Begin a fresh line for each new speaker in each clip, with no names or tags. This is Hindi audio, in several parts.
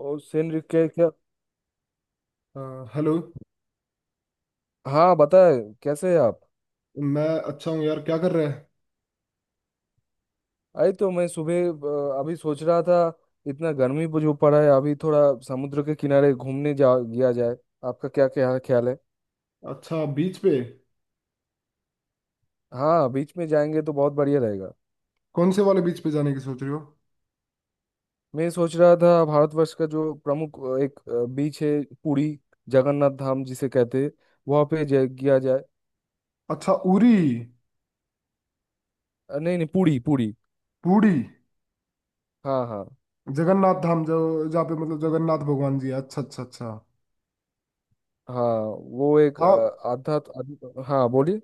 और सेनरी क्या क्या।
हाँ, हेलो।
हाँ बताए। कैसे है आप।
मैं अच्छा हूँ यार, क्या कर रहा है।
अरे तो मैं सुबह अभी सोच रहा था। इतना गर्मी भी जो पड़ा है अभी थोड़ा समुद्र के किनारे घूमने जा गया जाए। आपका क्या क्या ख्याल है।
अच्छा, बीच पे।
हाँ बीच में जाएंगे तो बहुत बढ़िया रहेगा।
कौन से वाले बीच पे जाने की सोच रहे हो।
मैं सोच रहा था भारतवर्ष का जो प्रमुख एक बीच है। पुरी, जगन्नाथ धाम जिसे कहते हैं। वहाँ पे गया जाए।
अच्छा, उरी।
नहीं नहीं, पुरी पुरी।
पुरी।
हाँ हाँ
जगन्नाथ धाम। जो जहाँ पे मतलब जगन्नाथ भगवान जी है। अच्छा अच्छा अच्छा।
हाँ। वो एक
हाँ,
आध्यात्म आध्यात्म- हाँ बोलिए।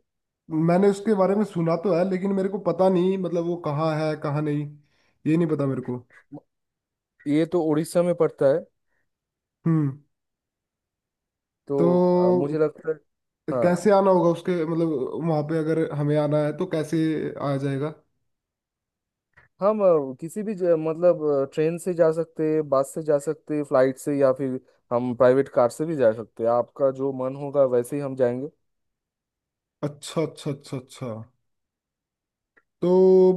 मैंने उसके बारे में सुना तो है, लेकिन मेरे को पता नहीं मतलब वो कहाँ है कहाँ नहीं। ये नहीं पता मेरे को।
ये तो उड़ीसा में पड़ता है।
हम्म।
तो
तो
मुझे लगता है। हाँ।
कैसे आना होगा उसके, मतलब वहाँ पे अगर हमें आना है तो कैसे आ जाएगा।
हम किसी भी मतलब ट्रेन से जा सकते हैं, बस से जा सकते हैं, फ्लाइट से, या फिर हम प्राइवेट कार से भी जा सकते हैं। आपका जो मन होगा वैसे ही हम जाएंगे।
अच्छा अच्छा अच्छा अच्छा। तो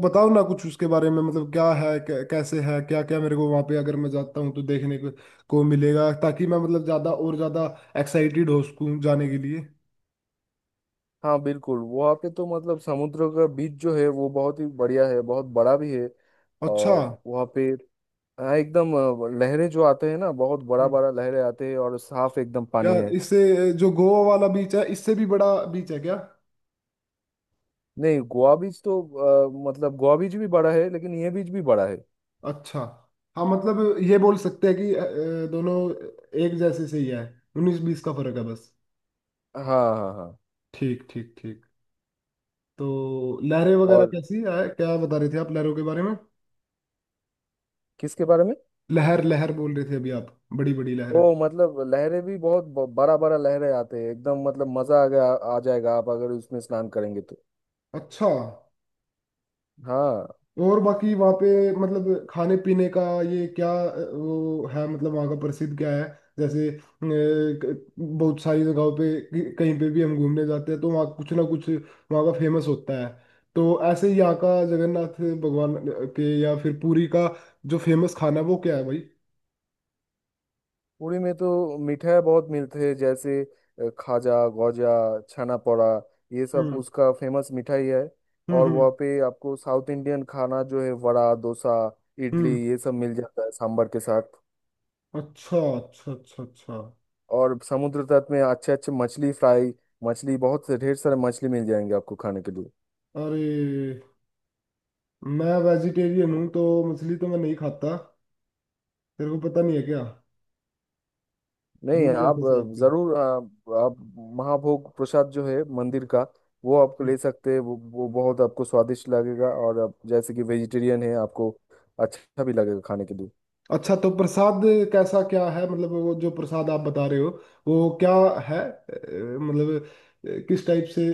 बताओ ना कुछ उसके बारे में, मतलब क्या है, कैसे है, क्या क्या मेरे को वहां पे अगर मैं जाता हूँ तो देखने को मिलेगा, ताकि मैं मतलब ज्यादा और ज्यादा एक्साइटेड हो सकूँ जाने के लिए।
हाँ बिल्कुल, वहाँ पे तो मतलब समुद्र का बीच जो है वो बहुत ही बढ़िया है, बहुत बड़ा भी है।
अच्छा।
और वहाँ पे हाँ, एकदम लहरें जो आते हैं ना, बहुत बड़ा
हम्म।
बड़ा लहरें आते हैं और साफ एकदम
क्या
पानी है।
इससे, जो गोवा वाला बीच है, इससे भी बड़ा बीच है क्या।
नहीं, गोवा बीच तो मतलब गोवा बीच भी बड़ा है लेकिन ये बीच भी बड़ा है।
अच्छा। हाँ मतलब ये बोल सकते हैं कि दोनों एक जैसे से ही है। उन्नीस बीस का फर्क है बस।
हाँ हाँ हाँ।
ठीक ठीक ठीक। तो लहरें वगैरह
और
कैसी है, क्या बता रहे थे आप लहरों के बारे में।
किसके बारे में।
लहर लहर बोल रहे थे अभी आप, बड़ी बड़ी
ओ
लहर।
मतलब लहरें भी बहुत बड़ा बड़ा लहरें आते हैं, एकदम मतलब मजा आ गया। आ जाएगा आप अगर उसमें स्नान करेंगे तो।
अच्छा।
हाँ।
और बाकी वहाँ पे मतलब खाने पीने का ये क्या, वो है मतलब वहाँ का प्रसिद्ध क्या है। जैसे बहुत सारी जगहों पे, कहीं पे भी हम घूमने जाते हैं तो वहाँ कुछ ना कुछ वहाँ का फेमस होता है। तो ऐसे ही यहाँ का जगन्नाथ भगवान के या फिर पुरी का जो फेमस खाना है वो क्या है भाई।
पुरी में तो मिठाई बहुत मिलते हैं, जैसे खाजा गौजा, छाना पोड़ा, ये सब
हम्म
उसका फेमस मिठाई है।
हम्म
और
हम्म
वहाँ पे आपको साउथ इंडियन खाना जो है, वड़ा डोसा, इडली,
हम्म।
ये सब मिल जाता है सांभर के साथ।
अच्छा अच्छा अच्छा अच्छा।
और समुद्र तट में अच्छे अच्छे मछली फ्राई, मछली बहुत से, ढेर सारे मछली मिल जाएंगे आपको खाने के लिए।
अरे, मैं वेजिटेरियन हूँ तो मछली तो मैं नहीं खाता। तेरे को पता नहीं है क्या।
नहीं,
भूल गया था
आप
शायद कि।
जरूर आप महाभोग प्रसाद जो है मंदिर का, वो आपको ले
हम्म।
सकते हैं। वो बहुत आपको स्वादिष्ट लगेगा। और आप जैसे कि वेजिटेरियन है, आपको अच्छा भी लगेगा खाने के लिए।
अच्छा, तो प्रसाद कैसा क्या है मतलब, वो जो प्रसाद आप बता रहे हो वो क्या है मतलब किस टाइप से।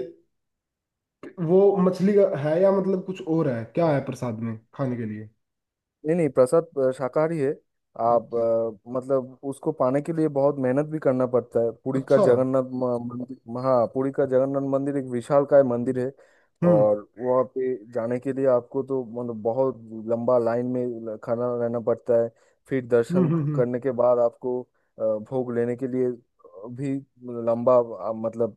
वो मछली का है या मतलब कुछ और है, क्या है प्रसाद में खाने के लिए।
नहीं नहीं, प्रसाद शाकाहारी है। आप
अच्छा
मतलब उसको पाने के लिए बहुत मेहनत भी करना पड़ता है। पुरी का
अच्छा।
जगन्नाथ मंदिर, हाँ पुरी का जगन्नाथ मंदिर एक विशालकाय मंदिर है।
हम्म
और वहाँ पे जाने के लिए आपको तो मतलब बहुत लंबा लाइन में खड़ा रहना पड़ता है। फिर
हम्म
दर्शन
हम्म हम्म।
करने के बाद आपको भोग लेने के लिए भी लंबा मतलब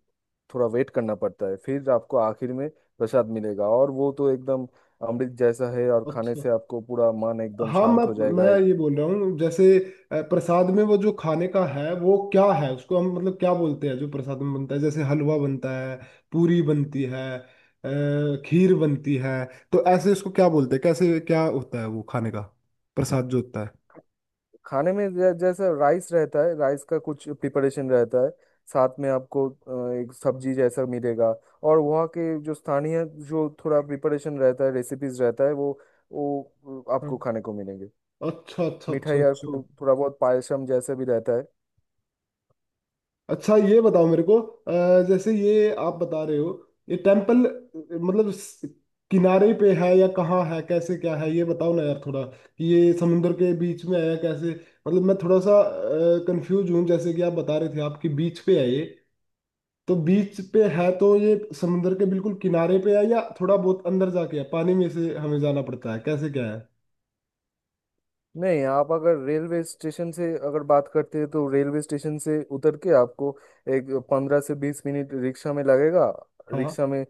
थोड़ा वेट करना पड़ता है। फिर आपको आखिर में प्रसाद मिलेगा और वो तो एकदम अमृत जैसा है, और खाने
अच्छा,
से आपको पूरा मन एकदम
हाँ मैं
शांत हो जाएगा।
मैं ये बोल रहा हूँ जैसे, प्रसाद में वो जो खाने का है वो क्या है, उसको हम मतलब क्या बोलते हैं जो प्रसाद में बनता है। जैसे हलवा बनता है, पूरी बनती है, खीर बनती है। तो ऐसे उसको क्या बोलते हैं, कैसे क्या होता है वो खाने का प्रसाद जो होता है।
खाने में जैसा राइस रहता है, राइस का कुछ प्रिपरेशन रहता है। साथ में आपको एक सब्जी जैसा मिलेगा। और वहाँ के जो स्थानीय जो थोड़ा प्रिपरेशन रहता है, रेसिपीज रहता है, वो आपको
हाँ।
खाने को मिलेंगे।
अच्छा अच्छा अच्छा
मिठाई और
अच्छा।
थोड़ा बहुत पायसम जैसा भी रहता है।
अच्छा ये बताओ मेरे को, जैसे ये आप बता रहे हो ये टेम्पल मतलब किनारे पे है या कहाँ है कैसे क्या है। ये बताओ ना यार थोड़ा कि ये समुंदर के बीच में है या कैसे, मतलब मैं थोड़ा सा कंफ्यूज हूँ। जैसे कि आप बता रहे थे आपकी बीच पे है ये, तो बीच पे है तो ये समुंदर के बिल्कुल किनारे पे है या थोड़ा बहुत अंदर जाके है, पानी में से हमें जाना पड़ता है, कैसे क्या है।
नहीं, आप अगर रेलवे स्टेशन से अगर बात करते हैं तो रेलवे स्टेशन से उतर के आपको एक 15 से 20 मिनट रिक्शा में लगेगा।
हाँ।
रिक्शा में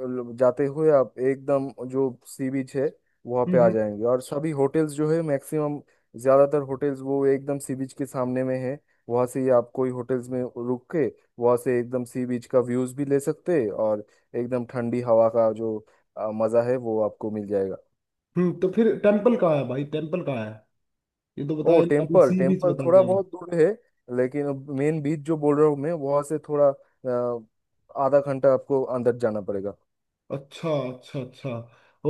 जाते हुए आप एकदम जो सी बीच है वहाँ
हम्म
पे आ
हम्म
जाएंगे। और सभी होटल्स जो है, मैक्सिमम ज़्यादातर होटल्स वो एकदम सी बीच के सामने में है। वहाँ से ही आप कोई होटल्स में रुक के वहाँ से एकदम सी बीच का व्यूज़ भी ले सकते हैं। और एकदम ठंडी हवा का जो मज़ा है वो आपको मिल जाएगा।
तो फिर टेम्पल कहाँ है भाई, टेम्पल कहाँ है। ये तो
ओ
बताया नहीं, आपने
टेम्पल,
सी बीच
टेम्पल
बता
थोड़ा
दिया।
बहुत दूर है। लेकिन मेन बीच जो बोल रहा हूँ मैं, वहां से थोड़ा आधा घंटा आपको अंदर जाना पड़ेगा।
अच्छा अच्छा अच्छा।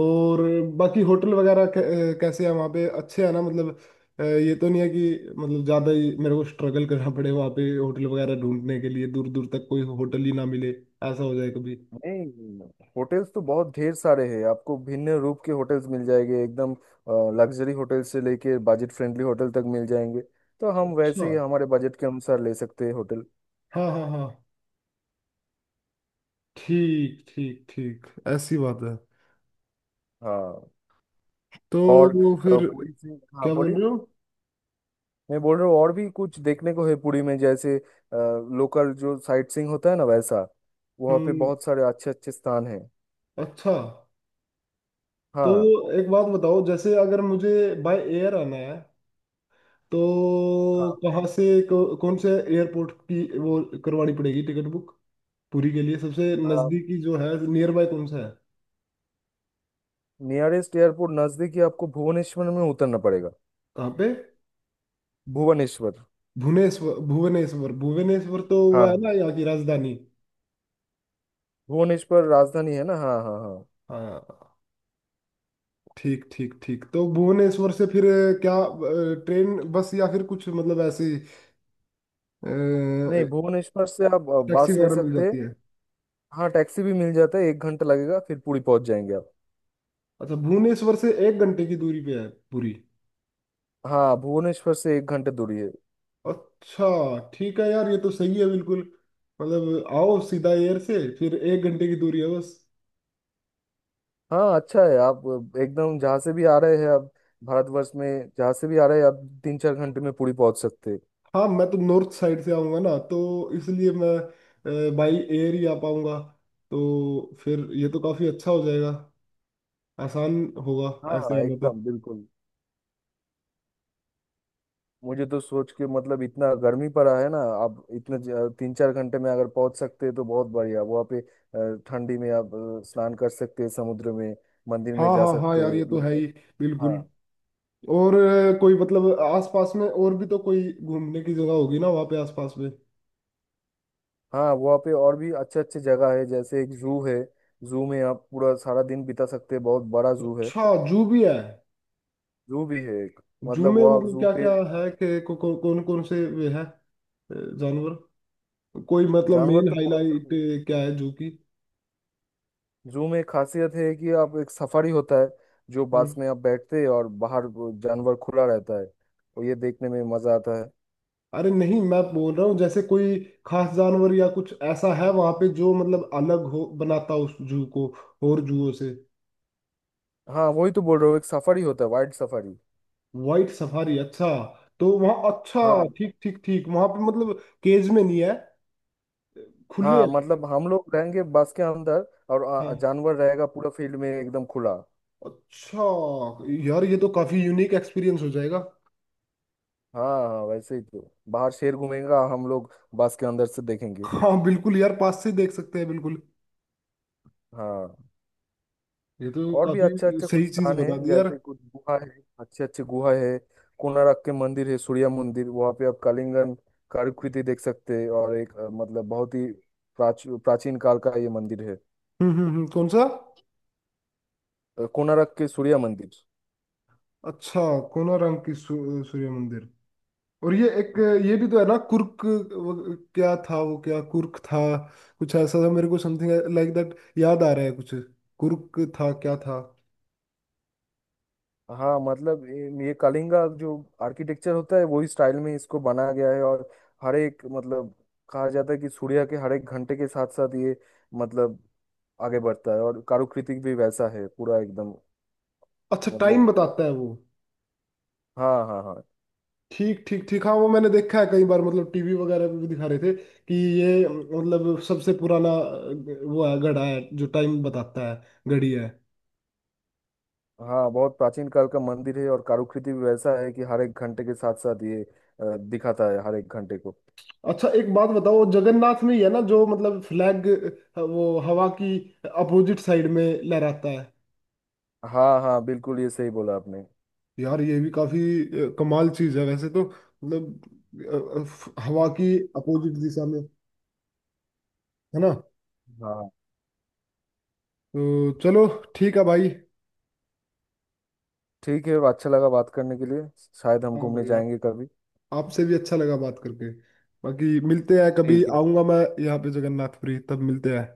और बाकी होटल वगैरह कैसे है वहाँ पे, अच्छे है ना मतलब। ये तो नहीं है कि मतलब ज़्यादा ही मेरे को स्ट्रगल करना पड़े वहाँ पे होटल वगैरह ढूंढने के लिए, दूर दूर तक कोई होटल ही ना मिले, ऐसा हो जाए कभी।
नहीं, होटल्स तो बहुत ढेर सारे हैं। आपको भिन्न रूप के होटल्स मिल जाएंगे। एकदम लग्जरी होटल से लेके बजट फ्रेंडली होटल तक मिल जाएंगे। तो हम
अच्छा।
वैसे ही हमारे बजट के अनुसार ले सकते हैं होटल।
हाँ हाँ हाँ। ठीक ठीक ठीक। ऐसी बात है।
हाँ।
तो
और
वो फिर
पूरी से, हाँ
क्या बोल
बोलिए।
रहे हो।
मैं बोल रहा हूँ और भी कुछ देखने को है पुरी में, जैसे लोकल जो साइट सीइंग होता है ना वैसा, वहाँ पे
हम्म।
बहुत सारे अच्छे अच्छे स्थान हैं।
अच्छा, तो
हाँ
एक बात बताओ, जैसे अगर मुझे बाय एयर आना है तो कहाँ से, कौन से एयरपोर्ट की वो करवानी पड़ेगी, टिकट बुक पूरी के लिए सबसे
हाँ।
नज़दीकी जो है, नियर बाय कौन सा है।
नियरेस्ट एयरपोर्ट नज़दीक ही, आपको भुवनेश्वर में उतरना पड़ेगा।
कहाँ पे।
भुवनेश्वर।
भुवनेश्वर भुवनेश्वर भुवनेश्वर, तो वो है ना
हाँ
यहाँ की राजधानी।
भुवनेश्वर राजधानी है ना, हाँ हाँ हाँ।
हाँ। ठीक ठीक ठीक। तो भुवनेश्वर से फिर क्या ट्रेन बस, या फिर कुछ मतलब ऐसी अ,
नहीं, भुवनेश्वर से आप
टैक्सी
बस ले
वगैरह मिल
सकते
जाती
हैं।
है।
हाँ टैक्सी भी मिल जाता है, एक घंटा लगेगा, फिर पुरी पहुंच जाएंगे आप।
अच्छा, भुवनेश्वर से एक घंटे की दूरी पे है पूरी।
हाँ भुवनेश्वर से एक घंटा दूरी है।
अच्छा ठीक है यार, ये तो सही है बिल्कुल, मतलब आओ सीधा एयर से फिर एक घंटे की दूरी है बस।
हाँ अच्छा है। आप एकदम जहाँ से भी आ रहे हैं आप, भारतवर्ष में जहाँ से भी आ रहे हैं आप तीन चार घंटे में पुरी पहुंच सकते हैं।
हाँ मैं तो नॉर्थ साइड से आऊँगा ना, तो इसलिए मैं बाई एयर ही आ पाऊँगा। तो फिर ये तो काफ़ी अच्छा हो जाएगा, आसान होगा ऐसे
हाँ
आने तो।
एकदम बिल्कुल। मुझे तो सोच के मतलब इतना गर्मी पड़ा है ना, आप इतने तीन चार घंटे में अगर पहुंच सकते हैं तो बहुत बढ़िया। वहाँ पे ठंडी में आप स्नान कर सकते हैं समुद्र में। मंदिर में
हाँ
जा
हाँ हाँ
सकते
यार,
हैं
ये तो है
लोग।
ही
हाँ
बिल्कुल। और कोई मतलब आसपास में और भी तो कोई घूमने की जगह होगी ना वहाँ पे आसपास में।
हाँ। वहाँ पे और भी अच्छे अच्छे जगह है, जैसे एक जू है। जू में आप पूरा सारा दिन बिता सकते हैं, बहुत बड़ा जू है।
अच्छा, जू भी है।
जू भी है एक।
जू
मतलब
में
वहाँ
मतलब
जू
क्या
पे
क्या है कि कौन कौन से वे है, जानवर। कोई मतलब
जानवर
मेन
तो बहुत
हाईलाइट
सारे हैं।
क्या है जू की।
जू में एक खासियत है कि आप, एक सफारी होता है, जो बस
हम्म।
में आप बैठते हैं और बाहर वो जानवर खुला रहता है, तो ये देखने में मजा आता है।
अरे नहीं, मैं बोल रहा हूँ जैसे कोई खास जानवर या कुछ ऐसा है वहां पे जो मतलब अलग हो, बनाता उस जू को और जूओं से।
हाँ वही तो बोल रहा हूँ, एक सफारी होता है, वाइल्ड सफारी।
वाइट सफारी, अच्छा। तो वहाँ, अच्छा
हाँ
ठीक ठीक ठीक। वहां पे मतलब केज में नहीं है, खुले
हाँ,
है।
मतलब हम लोग रहेंगे बस के अंदर और
हाँ।
जानवर रहेगा पूरा फील्ड में एकदम खुला।
अच्छा यार, ये तो काफी यूनिक एक्सपीरियंस हो जाएगा।
हाँ हाँ, वैसे ही तो बाहर शेर घूमेगा, हम लोग बस के अंदर से देखेंगे।
हाँ बिल्कुल यार, पास से देख सकते हैं बिल्कुल।
हाँ।
ये तो
और भी
काफी
अच्छे अच्छे
सही
कुछ
चीज
स्थान है,
बता दी यार।
जैसे कुछ गुहा है, अच्छे अच्छे गुहा है। कोणार्क के मंदिर है, सूर्य मंदिर, वहाँ पे आप कलिंगन कलाकृति देख सकते हैं। और एक मतलब बहुत ही प्राचीन काल का ये मंदिर है।
कौन सा।
कोणार्क के सूर्य मंदिर।
अच्छा, कोणार्क की सूर्य मंदिर। और ये एक, ये भी तो है ना कुर्क, वो क्या था वो, क्या कुर्क था, कुछ ऐसा था मेरे को समथिंग लाइक दैट याद आ रहा है कुछ, कुर्क था क्या था।
हाँ मतलब ये कलिंगा जो आर्किटेक्चर होता है वही स्टाइल में इसको बनाया गया है। और हर एक मतलब, कहा जाता है कि सूर्य के हर एक घंटे के साथ साथ ये मतलब आगे बढ़ता है, और कारुकृति भी वैसा है पूरा एकदम
अच्छा, टाइम
मतलब।
बताता है वो।
हाँ हाँ हाँ।
ठीक ठीक ठीक। हाँ वो मैंने देखा है कई बार, मतलब टीवी वगैरह पे भी दिखा रहे थे कि ये मतलब सबसे पुराना वो है, घड़ा है जो टाइम बताता है, घड़ी है।
हाँ बहुत प्राचीन काल का मंदिर है और कारुकृति भी वैसा है कि हर एक घंटे के साथ साथ ये दिखाता है हर एक घंटे को।
अच्छा एक बात बताओ, जगन्नाथ में ही है ना जो मतलब फ्लैग वो हवा की अपोजिट साइड में लहराता है।
हाँ हाँ बिल्कुल, ये सही बोला आपने।
यार ये भी काफी कमाल चीज है वैसे तो, मतलब हवा की अपोजिट दिशा में है ना।
हाँ
तो चलो, ठीक है भाई।
ठीक है, अच्छा लगा बात करने के लिए। शायद हम
हाँ
घूमने
भाई आप,
जाएंगे कभी।
आपसे भी अच्छा लगा बात करके, बाकी मिलते हैं, कभी
ठीक है
आऊंगा मैं, यहाँ पे जगन्नाथपुरी तब मिलते हैं।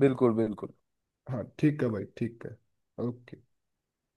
बिल्कुल बिल्कुल।
हाँ ठीक है भाई, ठीक है। ओके।